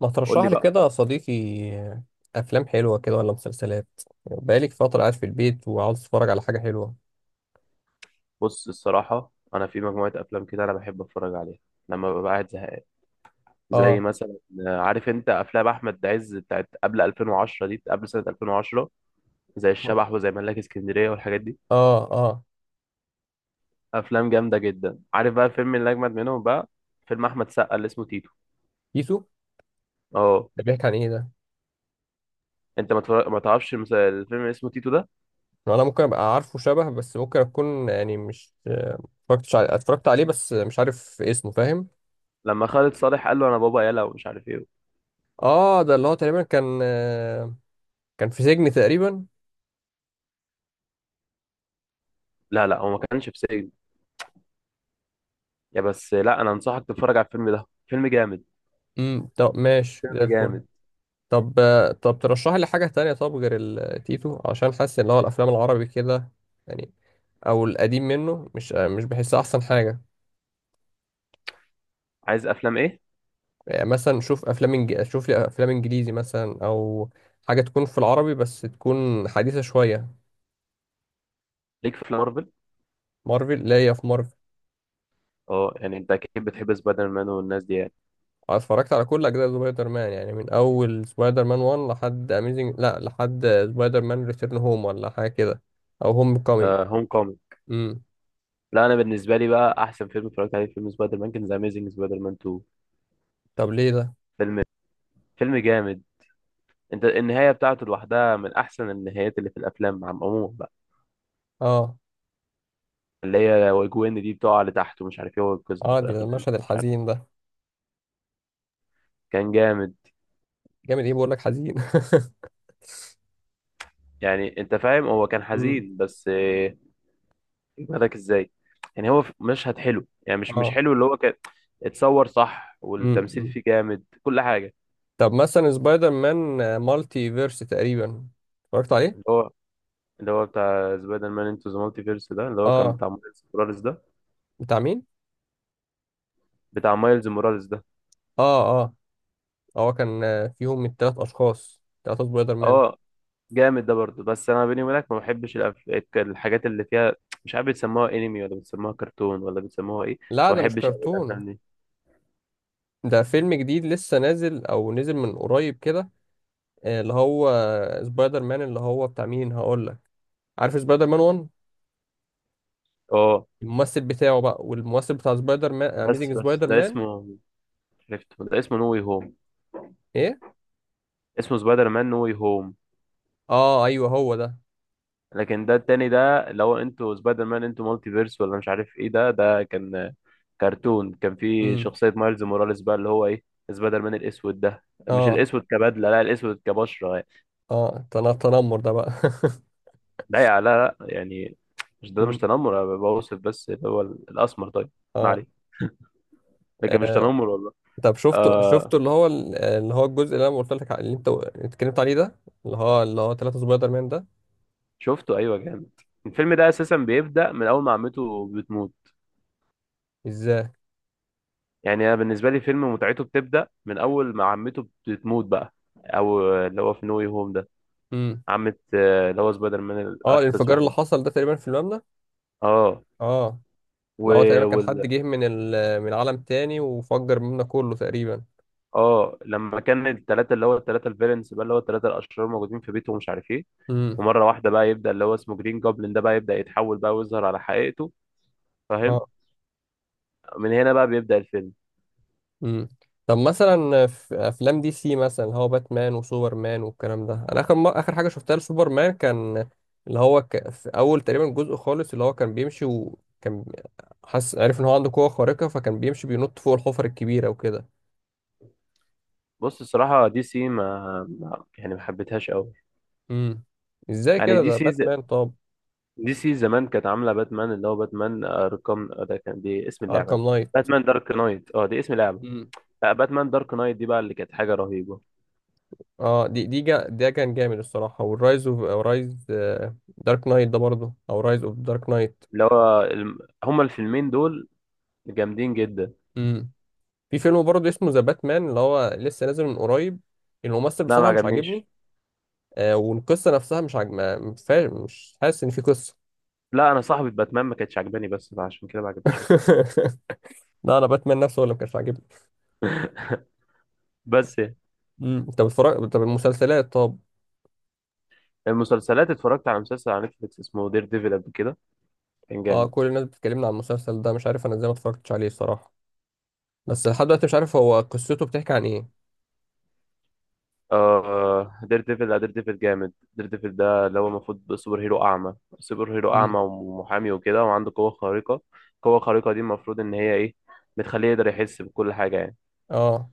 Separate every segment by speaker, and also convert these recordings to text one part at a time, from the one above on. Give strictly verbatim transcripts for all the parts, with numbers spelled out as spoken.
Speaker 1: ما
Speaker 2: قول
Speaker 1: ترشح
Speaker 2: لي
Speaker 1: لي
Speaker 2: بقى.
Speaker 1: كده يا صديقي؟ افلام حلوه كده ولا مسلسلات؟ بقالي فتره قاعد في البيت وعاوز اتفرج على حاجه حلوه.
Speaker 2: بص الصراحة أنا في مجموعة أفلام كده، أنا بحب أتفرج عليها لما ببقى قاعد زهقان، زي
Speaker 1: اه
Speaker 2: مثلا آه، عارف أنت أفلام أحمد عز بتاعت قبل ألفين وعشرة دي، قبل سنة ألفين وعشرة، زي الشبح وزي ملاك اسكندرية والحاجات دي.
Speaker 1: اه اه.
Speaker 2: أفلام جامدة جدا. عارف بقى الفيلم اللي أجمد منهم بقى؟ فيلم أحمد سقا اللي اسمه تيتو.
Speaker 1: يسو.
Speaker 2: أه.
Speaker 1: ده بيحكي عن ايه ده؟
Speaker 2: أنت ما تفرج... ما تعرفش المس- الفيلم اللي اسمه تيتو ده،
Speaker 1: انا ممكن ابقى عارفه شبه بس ممكن اكون يعني مش اتفرجتش عليه، اتفرجت عليه بس مش عارف اسمه، فاهم؟
Speaker 2: لما خالد صالح قال له أنا بابا يلا ومش عارف إيه.
Speaker 1: اه، ده اللي هو تقريبا كان آه، كان في سجن تقريبا.
Speaker 2: لا لا، هو ما كانش في سجن. يا بس لا، أنا أنصحك تتفرج على الفيلم ده، فيلم جامد.
Speaker 1: امم طب ماشي زي
Speaker 2: فيلم
Speaker 1: الفل.
Speaker 2: جامد.
Speaker 1: طب آه، طب ترشح لي حاجه تانية، طب غير التيتو عشان حاسس ان هو الافلام العربي كده يعني، او القديم منه مش مش بحسها احسن حاجه.
Speaker 2: عايز أفلام إيه؟
Speaker 1: يعني مثلا شوف افلام انج... شوف لي افلام انجليزي مثلا، او حاجه تكون في العربي بس تكون حديثه شويه.
Speaker 2: ليك في مارفل.
Speaker 1: مارفل؟ لا، هي في مارفل.
Speaker 2: اه، يعني انت اكيد بتحب سبايدر مان والناس دي يعني.
Speaker 1: أنا اتفرجت على كل اجزاء سبايدر مان، يعني من اول سبايدر مان ون لحد اميزنج، لا لحد سبايدر مان ريتيرن هوم ولا حاجه كده، او هوم كومينج.
Speaker 2: آه، هوم كومينج.
Speaker 1: امم
Speaker 2: لا انا بالنسبه لي بقى احسن فيلم اتفرجت عليه فيلم سبايدر مان كان ذا اميزنج سبايدر مان اتنين.
Speaker 1: طب ليه ده؟
Speaker 2: فيلم. فيلم جامد. انت النهايه بتاعته لوحدها من احسن النهايات اللي في الافلام عم عموما بقى،
Speaker 1: اه
Speaker 2: اللي هي وجوين دي بتقع لتحت ومش عارف ايه وينقذها
Speaker 1: اه،
Speaker 2: وفي
Speaker 1: دي ده
Speaker 2: الاخر تموت.
Speaker 1: المشهد الحزين ده.
Speaker 2: كان جامد.
Speaker 1: جامد ايه؟ بقول لك حزين.
Speaker 2: يعني انت فاهم هو كان
Speaker 1: امم
Speaker 2: حزين، بس آه، يجمدك ازاي. يعني هو مشهد حلو، يعني مش مش
Speaker 1: اه.
Speaker 2: حلو اللي هو كان اتصور صح، والتمثيل
Speaker 1: امم
Speaker 2: فيه جامد، كل حاجه.
Speaker 1: طب مثلا سبايدر مان آه، مالتي فيرس تقريبا اتفرجت
Speaker 2: اللي
Speaker 1: عليه.
Speaker 2: هو اللي هو بتاع سبايدر مان انتو ذا مالتي فيرس ده، اللي هو كان
Speaker 1: اه،
Speaker 2: بتاع مايلز موراليس ده.
Speaker 1: بتاع مين؟
Speaker 2: بتاع مايلز موراليس ده.
Speaker 1: اه اه، هو كان آه، فيهم من ثلاث اشخاص، ثلاثة سبايدر مان.
Speaker 2: اه، جامد ده برضه، بس انا بيني وبينك ما بحبش الأف... الحاجات اللي فيها، مش عارف بتسموها انمي ولا بتسموها كرتون ولا بتسموها ايه.
Speaker 1: لا،
Speaker 2: ما
Speaker 1: ده مش
Speaker 2: بحبش قوي الافلام
Speaker 1: كرتون.
Speaker 2: دي.
Speaker 1: ده فيلم جديد لسه نازل او نزل من قريب كده. آه، اللي هو آه، سبايدر مان اللي هو بتاع مين هقول لك. عارف سبايدر مان واحد،
Speaker 2: اه،
Speaker 1: الممثل بتاعه بقى، والممثل بتاع سبايدر مان اميزنج
Speaker 2: بس بس
Speaker 1: سبايدر
Speaker 2: ده
Speaker 1: مان.
Speaker 2: اسمه، عرفته، ده اسمه نو واي هوم.
Speaker 1: ايه؟
Speaker 2: اسمه سبايدر مان نو واي هوم.
Speaker 1: اه ايوه، هو ده.
Speaker 2: لكن ده التاني ده، اللي هو انتوا سبايدر مان انتوا مالتي فيرس ولا مش عارف ايه، ده ده كان كرتون، كان في
Speaker 1: امم
Speaker 2: شخصية مايلز موراليس بقى اللي هو ايه، سبايدر مان الاسود ده. مش
Speaker 1: اه،
Speaker 2: الاسود كبدلة، لا، الاسود كبشرة يعني.
Speaker 1: اه، تن- تنمر ده بقى.
Speaker 2: ده لا لا يعني، مش ده مش
Speaker 1: مم.
Speaker 2: تنمر، انا بوصف بس اللي هو الاسمر طيب. ما
Speaker 1: اه.
Speaker 2: عليه، لكن مش
Speaker 1: آه.
Speaker 2: تنمر والله.
Speaker 1: طب شفته؟
Speaker 2: آه.
Speaker 1: شفته اللي هو ال- اللي هو الجزء اللي انا قلت لك على- اللي انت اتكلمت عليه ده، اللي هو اللي هو ثلاثة سبايدر مان ده؟
Speaker 2: شفته، ايوه، جامد. الفيلم ده اساسا بيبدأ من اول ما عمته بتموت.
Speaker 1: ازاي؟
Speaker 2: يعني انا بالنسبة لي فيلم متعته بتبدأ من اول ما عمته بتموت بقى، او اللي هو في نو واي هوم ده،
Speaker 1: امم.
Speaker 2: عمة آه، اللي هو سبايدر مان
Speaker 1: اه،
Speaker 2: احدث
Speaker 1: الانفجار اللي
Speaker 2: واحد.
Speaker 1: حصل ده تقريبا في المبنى.
Speaker 2: اه.
Speaker 1: اه، اللي هو
Speaker 2: و-
Speaker 1: تقريبا كان حد
Speaker 2: وال
Speaker 1: جه من ال... من عالم تاني وفجر المبنى كله تقريبا.
Speaker 2: اه، لما كان الثلاثه اللي هو الثلاثه الفيلنس بقى، اللي هو الثلاثه الاشرار موجودين في بيته ومش عارف ايه،
Speaker 1: امم.
Speaker 2: ومره واحده بقى يبدا اللي هو اسمه جرين جوبلin ده بقى يبدا يتحول بقى ويظهر على حقيقته، فاهم؟ من هنا بقى بيبدا الفيلم.
Speaker 1: مم. طب مثلا في افلام دي سي مثلا اللي هو باتمان وسوبرمان والكلام ده، انا اخر ما اخر حاجه شفتها لسوبرمان كان اللي هو ك... في اول تقريبا جزء خالص، اللي هو كان بيمشي وكان حس عارف ان هو عنده قوه خارقه، فكان بيمشي بينط فوق الحفر الكبيره وكده.
Speaker 2: بص الصراحه دي سي ما ما- يعني ما حبيتهاش قوي.
Speaker 1: امم ازاي
Speaker 2: يعني
Speaker 1: كده
Speaker 2: دي
Speaker 1: ده؟
Speaker 2: سي ز...
Speaker 1: باتمان طب؟
Speaker 2: دي سي زمان كانت عامله باتمان، اللي هو باتمان ارقام ده، كان دي اسم اللعبه.
Speaker 1: اركام نايت.
Speaker 2: باتمان دارك نايت، اه، دي اسم لعبه.
Speaker 1: امم
Speaker 2: لا باتمان دارك نايت دي بقى اللي كانت حاجه رهيبه.
Speaker 1: اه، دي دي جا... ده كان جامد الصراحه، والرايز اوف رايز دارك نايت ده برضه، او رايز اوف دارك نايت.
Speaker 2: اللي هو الم- هما الفيلمين دول جامدين جدا.
Speaker 1: في فيلم برضه اسمه ذا باتمان اللي هو لسه نازل من قريب. الممثل
Speaker 2: لا ما
Speaker 1: بصراحة مش عاجبني.
Speaker 2: عجبنيش.
Speaker 1: آه والقصة نفسها مش عاجب ما- ما فيهاش- مش حاسس إن في قصة.
Speaker 2: لا انا صاحبة باتمان ما كانتش عجباني، بس فعشان كده ما عجبنيش الفيلم.
Speaker 1: لا، أنا باتمان نفسه هو اللي ما كانش عاجبني.
Speaker 2: بس يعني.
Speaker 1: مم. أنت بتتفرج؟ طب المسلسلات طب؟
Speaker 2: المسلسلات اتفرجت على مسلسل على نتفليكس اسمه دير ديفل قبل كده، كان
Speaker 1: أه،
Speaker 2: جامد.
Speaker 1: كل الناس بتكلمنا عن المسلسل ده، مش عارف أنا إزاي ما اتفرجتش عليه الصراحة. بس لحد دلوقتي مش عارف هو قصته بتحكي عن إيه.
Speaker 2: آه دير ديفل. لا دير ديفل جامد. دير ديفل ده اللي هو المفروض سوبر هيرو اعمى. سوبر هيرو اعمى
Speaker 1: مم.
Speaker 2: ومحامي وكده وعنده قوة خارقة. القوة الخارقة دي المفروض ان هي ايه؟ بتخليه يقدر يحس بكل حاجة يعني.
Speaker 1: أه،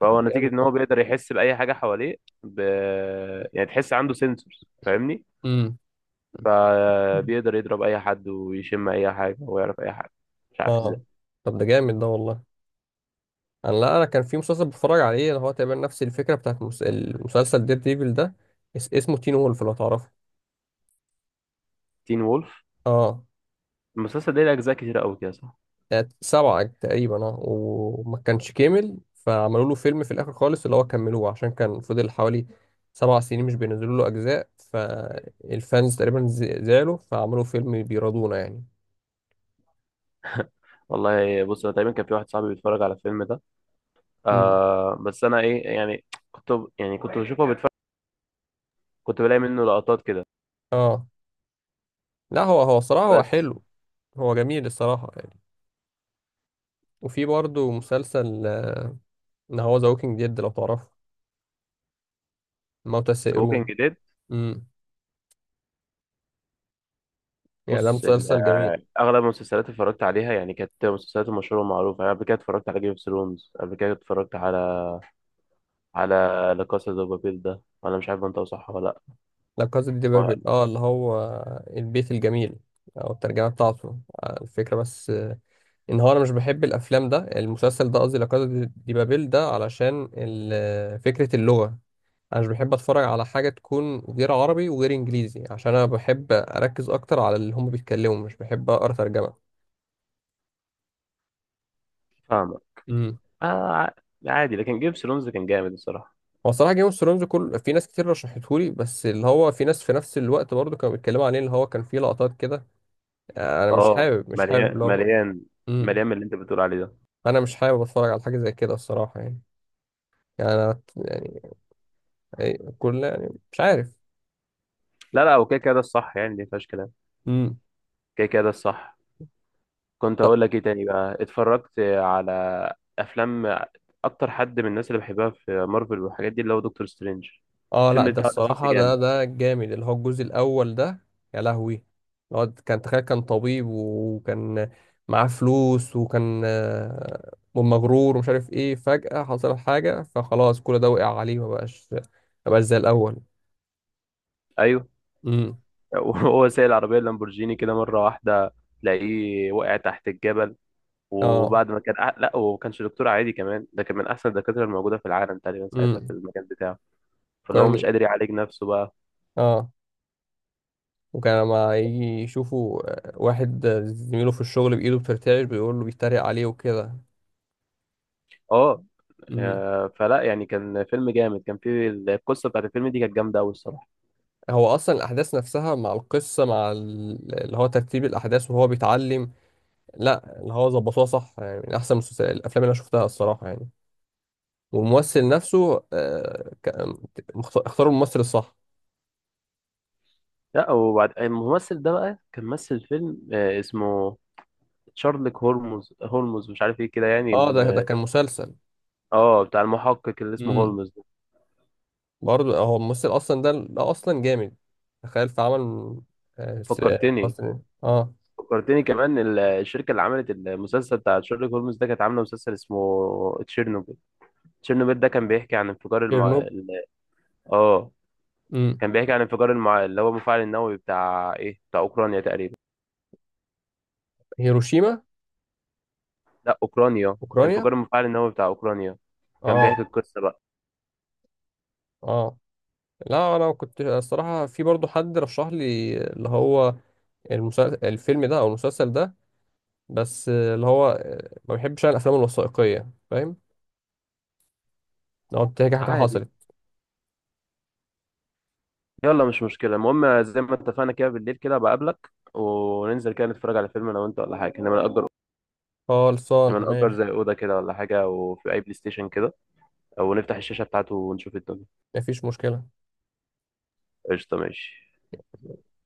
Speaker 1: طب
Speaker 2: فهو
Speaker 1: ده
Speaker 2: نتيجة
Speaker 1: جامد
Speaker 2: ان
Speaker 1: ده.
Speaker 2: هو بيقدر يحس بأي حاجة حواليه، ب... يعني تحس عنده سنسورز، فاهمني؟
Speaker 1: مم.
Speaker 2: فبيقدر يضرب أي حد ويشم أي حاجة ويعرف أي حاجة، مش عارف
Speaker 1: أه،
Speaker 2: ازاي.
Speaker 1: طب ده جامد ده والله. انا لا انا كان في مسلسل بتفرج عليه اللي هو تقريبا نفس الفكره بتاعت المس- المسلسل دير ديفل ده، اس- اسمه تين وولف، لو تعرفه.
Speaker 2: تين وولف.
Speaker 1: اه.
Speaker 2: المسلسل ده ليه أجزاء كتير أوي كده صح؟
Speaker 1: كانت سبعة تقريبا اه، وما كانش كامل فعملوا له فيلم في الاخر خالص اللي هو كملوه، عشان كان فضل حوالي سبع سنين مش بينزلوا له اجزاء، فالفانز تقريبا ز- زعلوا فعملوا فيلم بيرضونا يعني.
Speaker 2: والله بص أنا تقريبا كان في واحد صاحبي بيتفرج على الفيلم ده.
Speaker 1: مم.
Speaker 2: آه بس أنا إيه يعني، كنت، يعني كنت بشوفه بيتفرج، كنت بلاقي منه لقطات كده،
Speaker 1: اه، لا هو هو صراحة هو
Speaker 2: بس.
Speaker 1: حلو. هو جميل الصراحة يعني. وفي برضه مسلسل آه، ان هو ذا ووكينج ديد لو تعرفه، موتى
Speaker 2: ذا ووكينج
Speaker 1: السائرون.
Speaker 2: ديد.
Speaker 1: يعني ده
Speaker 2: بص ال-
Speaker 1: مسلسل
Speaker 2: آه،
Speaker 1: جميل.
Speaker 2: اغلب المسلسلات اللي اتفرجت عليها يعني كانت مسلسلات مشهوره ومعروفه يعني. قبل كده اتفرجت على جيم اوف ثرونز، قبل كده اتفرجت على على لا كاسا دو بابيل ده، انا مش عارف انت صح ولا لا.
Speaker 1: لا كازا دي
Speaker 2: هو-
Speaker 1: بابل، اه، اللي هو البيت الجميل. او الترجمة بتاعته آه، الفكرة بس آه، ان هو انا مش بحب الافلام ده المسلسل ده، قصدي لا كازا دي دي بابل ده علشان ال- آه، فكرة اللغة. انا مش بحب اتفرج على حاجة تكون غير عربي وغير انجليزي، عشان انا بحب اركز اكتر على اللي هم بيتكلموا، مش بحب اقرا ترجمة.
Speaker 2: فاهمه.
Speaker 1: امم
Speaker 2: آه. ع- عادي، لكن جيم اوف ثرونز كان جامد الصراحه.
Speaker 1: هو صراحة جيم اوف ثرونز كل في ناس كتير رشحتهولي، بس اللي هو في ناس في نفس الوقت برضه كانوا بيتكلموا عليه اللي هو كان فيه لقطات كده آه، انا مش
Speaker 2: اه،
Speaker 1: حابب مش
Speaker 2: مليان.
Speaker 1: حابب
Speaker 2: مليان
Speaker 1: امم
Speaker 2: مليان من اللي انت بتقول عليه ده.
Speaker 1: انا مش حابب اتفرج على حاجه زي كده الصراحه يعني، يعني أنا يعني أي- كل يعني مش عارف.
Speaker 2: لا لا اوكي، كده ده الصح يعني، دي مفيهاش كلام.
Speaker 1: امم
Speaker 2: كده كده ده الصح. كنت اقول لك ايه تاني بقى، اتفرجت على افلام اكتر حد من الناس اللي بحبها في مارفل والحاجات دي اللي هو دكتور سترينج.
Speaker 1: اه، لا
Speaker 2: الفيلم
Speaker 1: ده
Speaker 2: بتاعه الاساسي
Speaker 1: الصراحه ده
Speaker 2: جامد.
Speaker 1: ده جامد اللي هو الجزء الاول ده. يا لهوي. اللي هو كان تخيل كان طبيب، وكان معاه فلوس، وكان آه، مغرور ومش عارف ايه، فجأة حصل حاجة فخلاص كل ده وقع عليه، ما بقاش ما بقاش زي الأول.
Speaker 2: ايوه.
Speaker 1: امم
Speaker 2: وهو سايق العربيه اللامبورجيني كده مره واحده تلاقيه وقع تحت الجبل.
Speaker 1: اه.
Speaker 2: وبعد ما كان أح... لا هو ما كانش دكتور عادي كمان، ده كان من احسن الدكاتره الموجوده في العالم تقريبا ساعتها في
Speaker 1: امم
Speaker 2: المجال بتاعه. فاللي هو
Speaker 1: كان.
Speaker 2: مش قادر يعالج نفسه بقى.
Speaker 1: اه. وكان لما يجي يشوفوا آه، واحد آه، زميله في الشغل بإيده بترتعش، بيقول له بيتريق عليه وكده.
Speaker 2: اه.
Speaker 1: امم
Speaker 2: آه، فلا يعني كان فيلم جامد، كان فيه ال- القصه بتاعت الفيلم دي كانت جامده قوي الصراحه.
Speaker 1: هو أصلا الأحداث نفسها مع القصة مع ال- اللي هو ترتيب الأحداث وهو بيتعلم، لا اللي هو ظبطوها صح، يعني من أحسن المسلسل- الأفلام اللي أنا شفتها الصراحة يعني. والممثل نفسه آه، ك- مخت- اختاروا الممثل الصح.
Speaker 2: لا وبعد الممثل ده بقى كان مثل فيلم آه، اسمه شارلوك هولمز، هولمز مش عارف ايه كده يعني
Speaker 1: اه، ده ده
Speaker 2: م-
Speaker 1: كان مسلسل.
Speaker 2: اه بتاع المحقق اللي اسمه
Speaker 1: امم
Speaker 2: هولمز ده.
Speaker 1: برضه هو الممثل أصلا ده ده أصلا جامد، تخيل في عمل آه، س- آه،
Speaker 2: فكرتني،
Speaker 1: أصلا اه.
Speaker 2: فكرتني كمان ال- الشركه اللي عملت المسلسل بتاع شارلوك هولمز ده كانت عامله مسلسل اسمه تشيرنوبل. تشيرنوبيل ده كان بيحكي عن انفجار المع...
Speaker 1: شيرنوب.
Speaker 2: ال- اه كان بيحكي عن انفجار المع... اللي هو المفاعل النووي بتاع ايه، بتاع اوكرانيا تقريبا.
Speaker 1: هيروشيما.
Speaker 2: لا اوكرانيا،
Speaker 1: اوكرانيا.
Speaker 2: انفجار المفاعل النووي بتاع اوكرانيا. كان
Speaker 1: اه
Speaker 2: بيحكي القصة بقى.
Speaker 1: اه، لا انا كنت الصراحه في برضو حد رشح لي اللي هو المسلسل الفيلم ده او المسلسل ده، بس اللي هو ما بحبش انا الافلام الوثائقيه فاهم، لو بتحكي حاجه
Speaker 2: عادي.
Speaker 1: حصلت.
Speaker 2: يلا مش مشكلة، المهم زي ما اتفقنا كده بالليل كده بقابلك وننزل كده نتفرج على فيلم انا وانت ولا حاجة، لما نأجر،
Speaker 1: خلصان
Speaker 2: لما نأجر
Speaker 1: ماشي.
Speaker 2: زي أوضة كده ولا حاجة وفي أي بلاي ستيشن كده، أو نفتح الشاشة بتاعته ونشوف الدنيا.
Speaker 1: مفيش مشكله.
Speaker 2: قشطة ماشي.